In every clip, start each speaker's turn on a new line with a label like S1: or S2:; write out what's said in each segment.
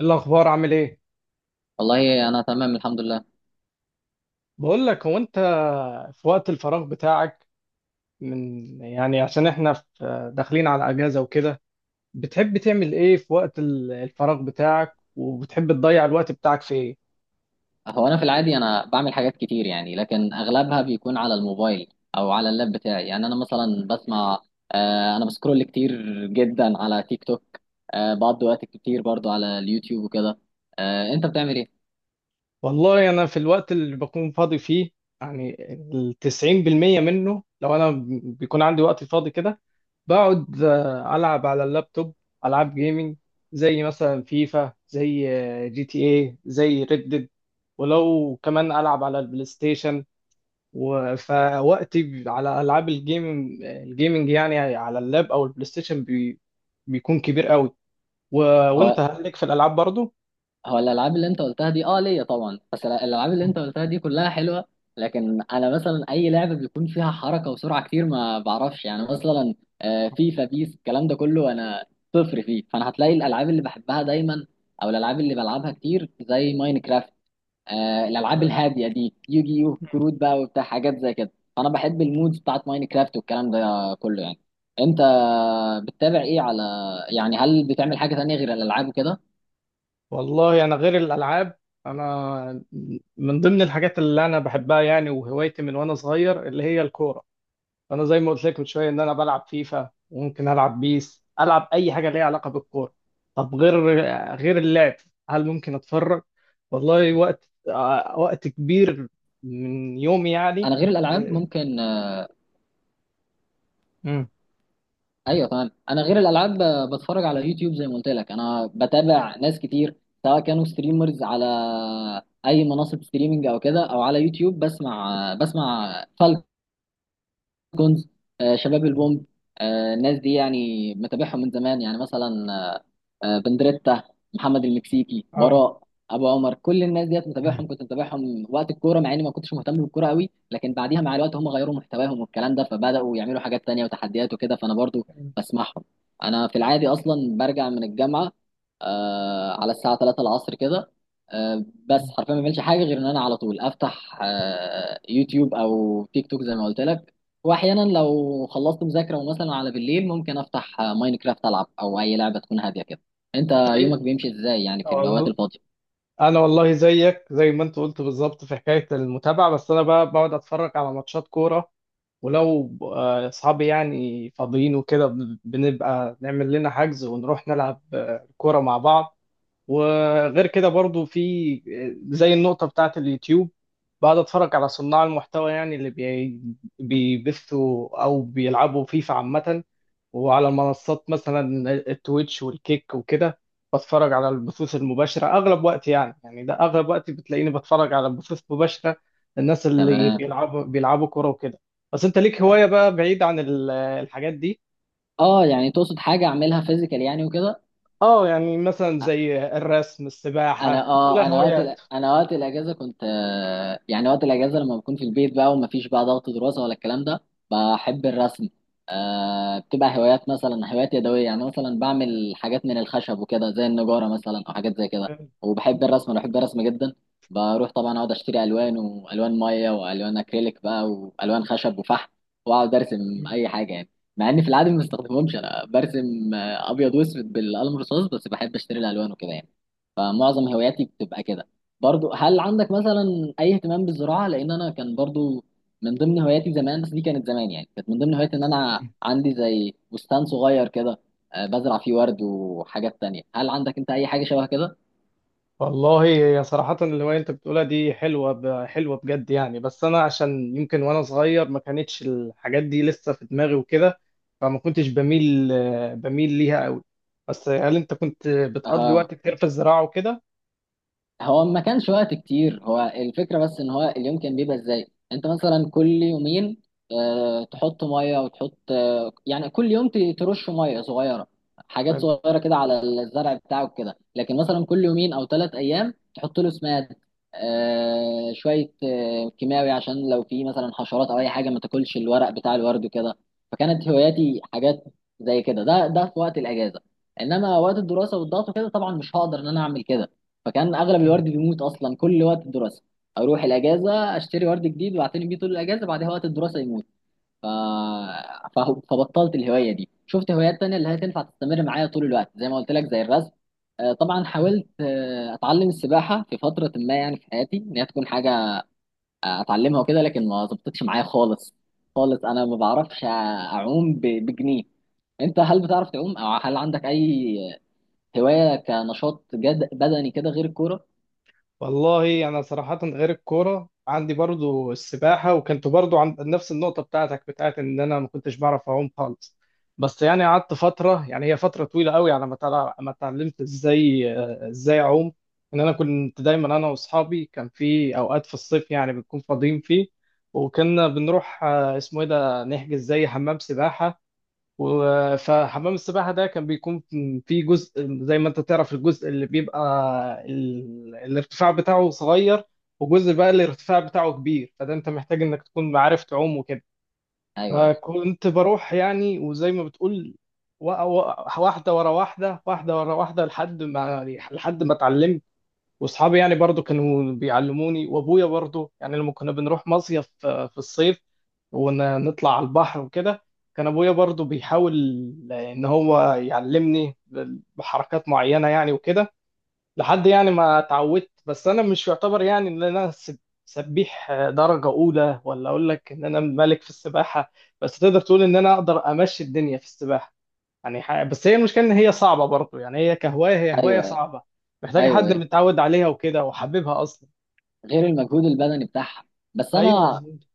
S1: الأخبار عامل إيه؟
S2: والله انا تمام الحمد لله.
S1: بقول لك هو أنت في وقت الفراغ بتاعك من يعني عشان إحنا في داخلين على أجازة وكده. بتحب تعمل إيه في وقت الفراغ بتاعك، وبتحب تضيع الوقت بتاعك في إيه؟
S2: انا في العادي انا بعمل حاجات كتير يعني، لكن اغلبها بيكون على الموبايل او على اللاب بتاعي. يعني انا مثلا بسمع، انا بسكرول كتير جدا على تيك توك. بقضي وقت كتير برضو على اليوتيوب وكده. آه، انت بتعمل ايه؟
S1: والله أنا في الوقت اللي بكون فاضي فيه، يعني 90% منه، لو أنا بيكون عندي وقت فاضي كده بقعد ألعب على اللابتوب، ألعاب جيمنج، زي مثلا فيفا، زي جي تي اي، زي ريد ديد، ولو كمان ألعب على البلاي ستيشن، فوقتي على ألعاب الجيمنج يعني على اللاب أو البلاي ستيشن بيكون كبير قوي و... وأنت
S2: هو
S1: هل لك في الألعاب برضو؟
S2: هو الالعاب اللي انت قلتها دي اه ليا طبعا، بس الالعاب اللي انت قلتها دي كلها حلوه. لكن انا مثلا اي لعبه بيكون فيها حركه وسرعه كتير ما بعرفش، يعني مثلا فيفا بيس الكلام ده كله انا صفر فيه. فانا هتلاقي الالعاب اللي بحبها دايما او الالعاب اللي بلعبها كتير زي ماينكرافت. الالعاب الهاديه دي، يوجي يو
S1: مم.
S2: كروت بقى وبتاع، حاجات زي كده. فانا بحب المودز بتاعت ماينكرافت والكلام ده كله يعني. انت بتتابع ايه على، يعني هل بتعمل حاجه تانية غير الالعاب وكده؟
S1: والله انا غير الالعاب انا من ضمن الحاجات اللي انا بحبها، يعني وهوايتي من وانا صغير اللي هي الكوره. انا زي ما قلت لك من شويه ان انا بلعب فيفا، وممكن العب بيس، العب اي حاجه ليها علاقه بالكوره. طب غير اللعب، هل ممكن اتفرج؟ والله وقت وقت كبير من يومي يعني.
S2: انا غير الالعاب
S1: إيه،
S2: ممكن،
S1: مم.
S2: ايوه تمام. انا غير الالعاب بتفرج على يوتيوب زي ما قلت لك، انا بتابع ناس كتير سواء كانوا ستريمرز على اي منصه ستريمنج او كده او على يوتيوب. بسمع جونز، شباب البومب، الناس دي يعني متابعهم من زمان. يعني مثلا بندريتا، محمد المكسيكي،
S1: اه.
S2: براء، ابو عمر، كل الناس ديت
S1: مم.
S2: متابعهم. كنت متابعهم وقت الكوره مع اني ما كنتش مهتم بالكوره قوي، لكن بعديها مع الوقت هم غيروا محتواهم والكلام ده، فبداوا يعملوا حاجات تانية وتحديات وكده، فانا برضو بسمعهم. انا في العادي اصلا برجع من الجامعه على الساعه 3 العصر كده. بس حرفيا ما بعملش حاجه غير ان انا على طول افتح يوتيوب او تيك توك زي ما قلت لك. واحيانا لو خلصت مذاكره ومثلا على بالليل ممكن افتح ماينكرافت العب او اي لعبه تكون هاديه كده. انت يومك بيمشي ازاي يعني في الاوقات
S1: مم.
S2: الفاضيه؟
S1: انا والله زيك زي ما انت قلت بالظبط في حكايه المتابعه، بس انا بقى بقعد اتفرج على ماتشات كوره، ولو اصحابي يعني فاضيين وكده بنبقى نعمل لنا حجز ونروح نلعب كوره مع بعض، وغير كده برضو في زي النقطه بتاعه اليوتيوب، بقعد اتفرج على صناع المحتوى، يعني اللي بيبثوا او بيلعبوا فيفا عامه، وعلى منصات مثلا التويتش والكيك وكده، بتفرج على البثوث المباشرة أغلب وقتي، يعني ده أغلب وقتي، بتلاقيني بتفرج على بثوث مباشرة الناس اللي
S2: تمام.
S1: بيلعبوا كورة وكده. بس أنت ليك هواية بقى بعيد عن الحاجات دي؟
S2: اه يعني تقصد حاجه اعملها فيزيكال يعني وكده؟
S1: اه يعني مثلا زي الرسم،
S2: انا
S1: السباحة، كلها
S2: اه انا
S1: هوايات.
S2: انا وقت الاجازه كنت، يعني وقت الاجازه لما بكون في البيت بقى ومفيش بقى ضغط دراسه ولا الكلام ده، بحب الرسم. آه، بتبقى هوايات، مثلا هوايات يدويه يعني، مثلا بعمل حاجات من الخشب وكده زي النجاره مثلا او حاجات زي كده. وبحب الرسم، انا بحب الرسم جدا. بروح طبعا اقعد اشتري الوان، والوان ميه، والوان اكريليك بقى، والوان خشب وفحم واقعد ارسم اي حاجه يعني. مع اني في العادي ما بستخدمهمش، انا برسم ابيض واسود بالقلم الرصاص، بس بحب اشتري الالوان وكده يعني. فمعظم هواياتي بتبقى كده. برضو هل عندك مثلا اي اهتمام بالزراعه؟ لان انا كان برضو من ضمن هواياتي زمان. بس دي كانت زمان يعني، كانت من ضمن هواياتي ان انا عندي زي بستان صغير كده، بزرع فيه ورد وحاجات تانية. هل عندك انت اي حاجه شبه كده؟
S1: والله هي صراحة الهواية اللي انت بتقولها دي حلوة حلوة بجد يعني، بس انا عشان يمكن وانا صغير ما كانتش الحاجات دي لسه في دماغي وكده، فما كنتش بميل ليها قوي، بس هل انت كنت بتقضي
S2: اها.
S1: وقت كتير في الزراعة وكده؟
S2: ما كانش وقت كتير، هو الفكرة بس ان هو اليوم كان بيبقى ازاي. انت مثلا كل يومين تحط مية، وتحط يعني كل يوم ترش مية صغيرة، حاجات صغيرة كده على الزرع بتاعك كده. لكن مثلا كل يومين او ثلاث ايام تحط له سماد، شوية كيماوي، عشان لو في مثلا حشرات او اي حاجة ما تاكلش الورق بتاع الورد وكده. فكانت هواياتي حاجات زي كده، ده في وقت الاجازة. انما وقت الدراسة والضغط وكده طبعا مش هقدر ان انا اعمل كده. فكان اغلب
S1: حلو.
S2: الورد بيموت اصلا كل وقت الدراسه. اروح الاجازه اشتري ورد جديد واعتني بيه طول الاجازه، بعدها وقت الدراسه يموت. ف... ف... فبطلت الهوايه دي، شفت هوايات تانية اللي هي تنفع تستمر معايا طول الوقت زي ما قلت لك زي الرسم. طبعا حاولت اتعلم السباحه في فتره ما، يعني في حياتي ان هي تكون حاجه اتعلمها وكده، لكن ما ظبطتش معايا خالص خالص. انا ما بعرفش اعوم بجنيه. انت هل بتعرف تعوم، او هل عندك اي هوايه كنشاط جد بدني كده غير الكوره؟
S1: والله انا صراحه غير الكوره عندي برضو السباحه، وكنت برضو عند نفس النقطه بتاعتك، بتاعت ان انا ما كنتش بعرف اعوم خالص، بس يعني قعدت فتره، يعني هي فتره طويله قوي على ما اتعلمت ازاي اعوم، ان انا كنت دايما انا واصحابي كان في اوقات في الصيف، يعني بنكون فاضيين فيه، وكنا بنروح اسمه ايه ده نحجز زي حمام سباحه، فحمام السباحة ده كان بيكون فيه جزء، زي ما انت تعرف الجزء اللي بيبقى الارتفاع بتاعه صغير، وجزء بقى الارتفاع بتاعه كبير، فده انت محتاج انك تكون عارف تعوم وكده.
S2: ايوه،
S1: فكنت بروح يعني، وزي ما بتقول واحدة ورا واحدة، واحدة ورا واحدة، لحد ما اتعلمت، واصحابي يعني برضو كانوا بيعلموني، وابويا برضو يعني لما كنا بنروح مصيف في الصيف ونطلع على البحر وكده، كان ابويا برضو بيحاول ان هو يعلمني بحركات معينة يعني وكده، لحد يعني ما اتعودت. بس انا مش يعتبر يعني ان انا سبيح درجة اولى، ولا اقول لك ان انا ملك في السباحة، بس تقدر تقول ان انا اقدر امشي الدنيا في السباحة يعني، بس هي المشكله ان هي صعبه برضو، يعني هي كهوايه هي هوايه
S2: ايوه، ايوه،
S1: صعبه، محتاجه حد
S2: أيوه.
S1: متعود عليها وكده وحبيبها اصلا.
S2: غير المجهود البدني بتاعها. بس
S1: ايوه
S2: انا
S1: بالظبط.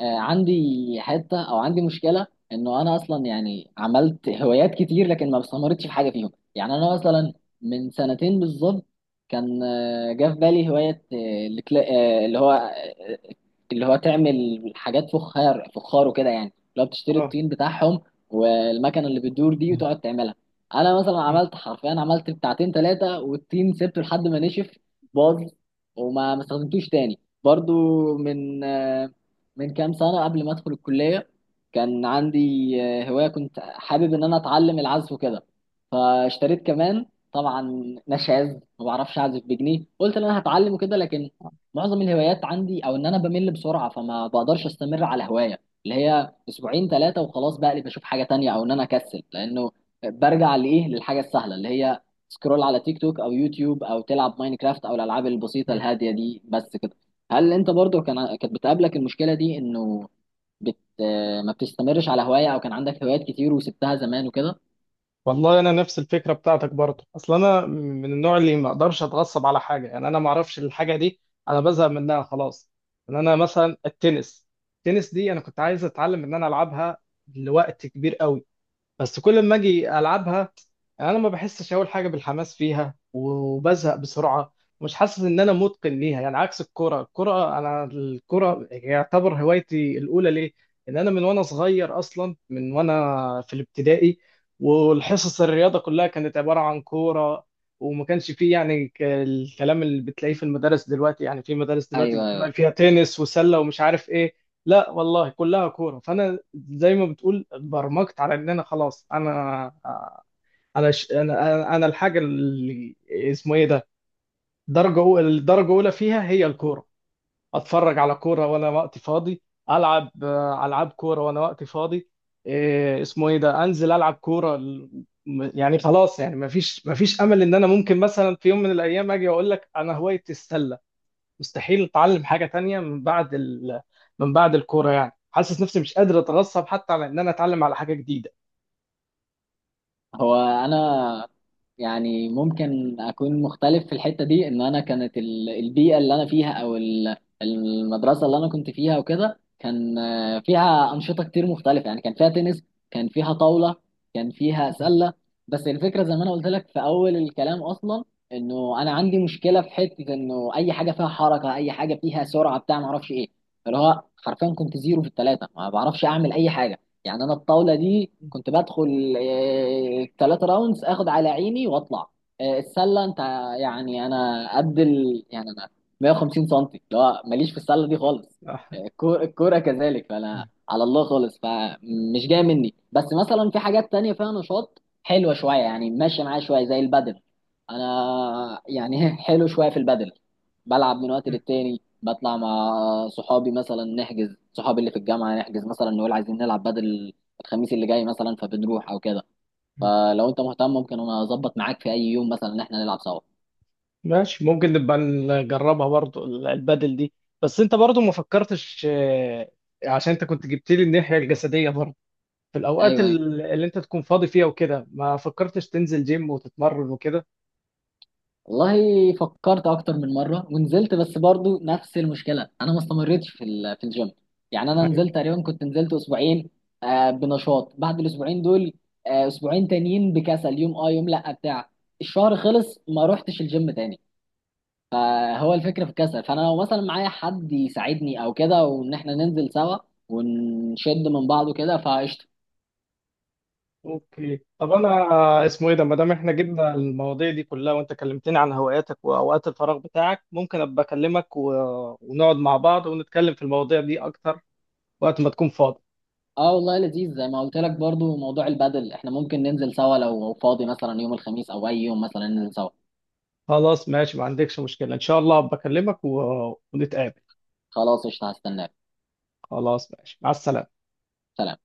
S2: عندي حته، او عندي مشكله انه انا اصلا يعني عملت هوايات كتير لكن ما استمرتش في حاجه فيهم. يعني انا مثلا من سنتين بالظبط كان جه في بالي هوايه، آه، اللي هو آه، اللي هو تعمل حاجات فخار وكده يعني، لو بتشتري
S1: اه.
S2: الطين بتاعهم والمكنه اللي بتدور دي وتقعد تعملها. انا مثلا
S1: م-
S2: عملت حرفيا، عملت بتاعتين ثلاثه، والطين سبته لحد ما نشف باظ، وما ما استخدمتوش تاني. برضو من من كام سنة قبل ما أدخل الكلية، كان عندي هواية، كنت حابب إن أنا أتعلم العزف وكده، فاشتريت كمان. طبعا نشاز، ما بعرفش أعزف بجنيه. قلت إن أنا هتعلم وكده، لكن معظم الهوايات عندي، أو إن أنا بمل بسرعة، فما بقدرش أستمر على هواية اللي هي أسبوعين ثلاثة وخلاص، بقلب بشوف حاجة تانية، أو إن أنا أكسل لأنه برجع لإيه، للحاجة السهلة اللي هي سكرول على تيك توك أو يوتيوب، أو تلعب ماينكرافت أو الألعاب البسيطة
S1: م.
S2: الهادية دي بس كده. هل انت برضو كانت بتقابلك المشكله دي انه بت ما بتستمرش على هوايه، او كان عندك هوايات كتير وسبتها زمان وكده؟
S1: والله انا نفس الفكره بتاعتك برضو، اصل انا من النوع اللي ما اقدرش اتغصب على حاجه، يعني انا ما اعرفش الحاجه دي انا بزهق منها خلاص، يعني انا مثلا التنس دي انا كنت عايز اتعلم ان انا العبها لوقت كبير قوي، بس كل ما اجي العبها، يعني انا ما بحسش اول حاجه بالحماس فيها وبزهق بسرعه، ومش حاسس ان انا متقن ليها، يعني عكس الكره يعتبر هوايتي الاولى ليه، ان انا من وانا صغير اصلا، من وانا في الابتدائي، والحصص الرياضه كلها كانت عباره عن كوره، وما كانش فيه يعني الكلام اللي بتلاقيه في المدارس دلوقتي، يعني في مدارس دلوقتي
S2: ايوه.
S1: بتلاقي فيها تنس وسله ومش عارف ايه، لا والله كلها كوره، فانا زي ما بتقول اتبرمجت على ان انا خلاص انا انا ش... انا انا أنا الحاجه اللي اسمه ايه ده، درجه اولى الدرجه اولى فيها هي الكوره، اتفرج على كوره وانا وقتي فاضي، العب العاب كوره وانا وقتي فاضي، إيه اسمه ايه ده، انزل العب كوره يعني خلاص، يعني ما فيش امل ان انا ممكن مثلا في يوم من الايام اجي واقول لك انا هوايتي السله، مستحيل اتعلم حاجه تانية من بعد الكوره، يعني حاسس نفسي مش قادر اتغصب حتى على ان انا اتعلم على حاجه جديده.
S2: انا يعني ممكن اكون مختلف في الحته دي، ان انا كانت البيئه اللي انا فيها او المدرسه اللي انا كنت فيها وكده كان فيها انشطه كتير مختلفه، يعني كان فيها تنس، كان فيها طاوله، كان فيها سله. بس الفكره زي ما انا قلت لك في اول الكلام اصلا، انه انا عندي مشكله في حته، انه اي حاجه فيها حركه، اي حاجه فيها سرعه بتاع ما اعرفش ايه، اللي هو حرفيا كنت زيرو في الثلاثه، ما بعرفش اعمل اي حاجه. يعني انا الطاوله دي كنت بدخل ثلاثة راوندز اخد على عيني واطلع. السله، انت يعني انا قد يعني انا 150 سم، اللي هو ماليش في السله دي خالص. الكوره كذلك، فانا على الله خالص، فمش جايه مني. بس مثلا في حاجات تانية فيها نشاط حلوه شويه يعني، ماشيه معايا شويه زي البدل. انا يعني حلو شويه في البدل، بلعب من وقت للتاني. بطلع مع صحابي، مثلا نحجز، صحابي اللي في الجامعة نحجز، مثلا نقول عايزين نلعب بدل الخميس اللي جاي مثلا، فبنروح او كده. فلو انت مهتم ممكن انا اظبط معاك في اي يوم مثلا، ان احنا نلعب سوا.
S1: ماشي، ممكن نبقى نجربها برضو البدل دي، بس انت برضو ما فكرتش عشان انت كنت جبت لي الناحية الجسدية برضو، في الاوقات
S2: ايوه، ايوه،
S1: اللي انت تكون فاضي فيها وكده، ما فكرتش تنزل جيم وتتمرن وكده؟
S2: والله فكرت اكتر من مرة ونزلت، بس برضو نفس المشكلة انا ما استمرتش في في الجيم. يعني انا
S1: ايوه.
S2: نزلت تقريبا، كنت نزلت اسبوعين بنشاط، بعد الاسبوعين دول اسبوعين تانيين بكسل، يوم اه يوم لا بتاع، الشهر خلص ما روحتش الجيم تاني. هو الفكرة في الكسل، فأنا لو مثلا معايا حد يساعدني أو كده، وإن إحنا ننزل سوا ونشد من بعض وكده فقشطة.
S1: اوكي طب انا، اسمه ايه ده، ما دام احنا جبنا المواضيع دي كلها، وانت كلمتني عن هواياتك واوقات الفراغ بتاعك، ممكن ابقى اكلمك ونقعد مع بعض ونتكلم في المواضيع دي اكتر وقت ما تكون فاضي.
S2: اه والله لذيذ، زي ما قلت لك برضو موضوع البدل احنا ممكن ننزل سوا لو فاضي مثلا يوم الخميس او اي يوم مثلا ننزل سوا.
S1: خلاص ماشي، ما عندكش مشكلة، ان شاء الله ابقى اكلمك ونتقابل.
S2: خلاص قشطة، هستناك.
S1: خلاص ماشي، مع السلامة.
S2: سلام.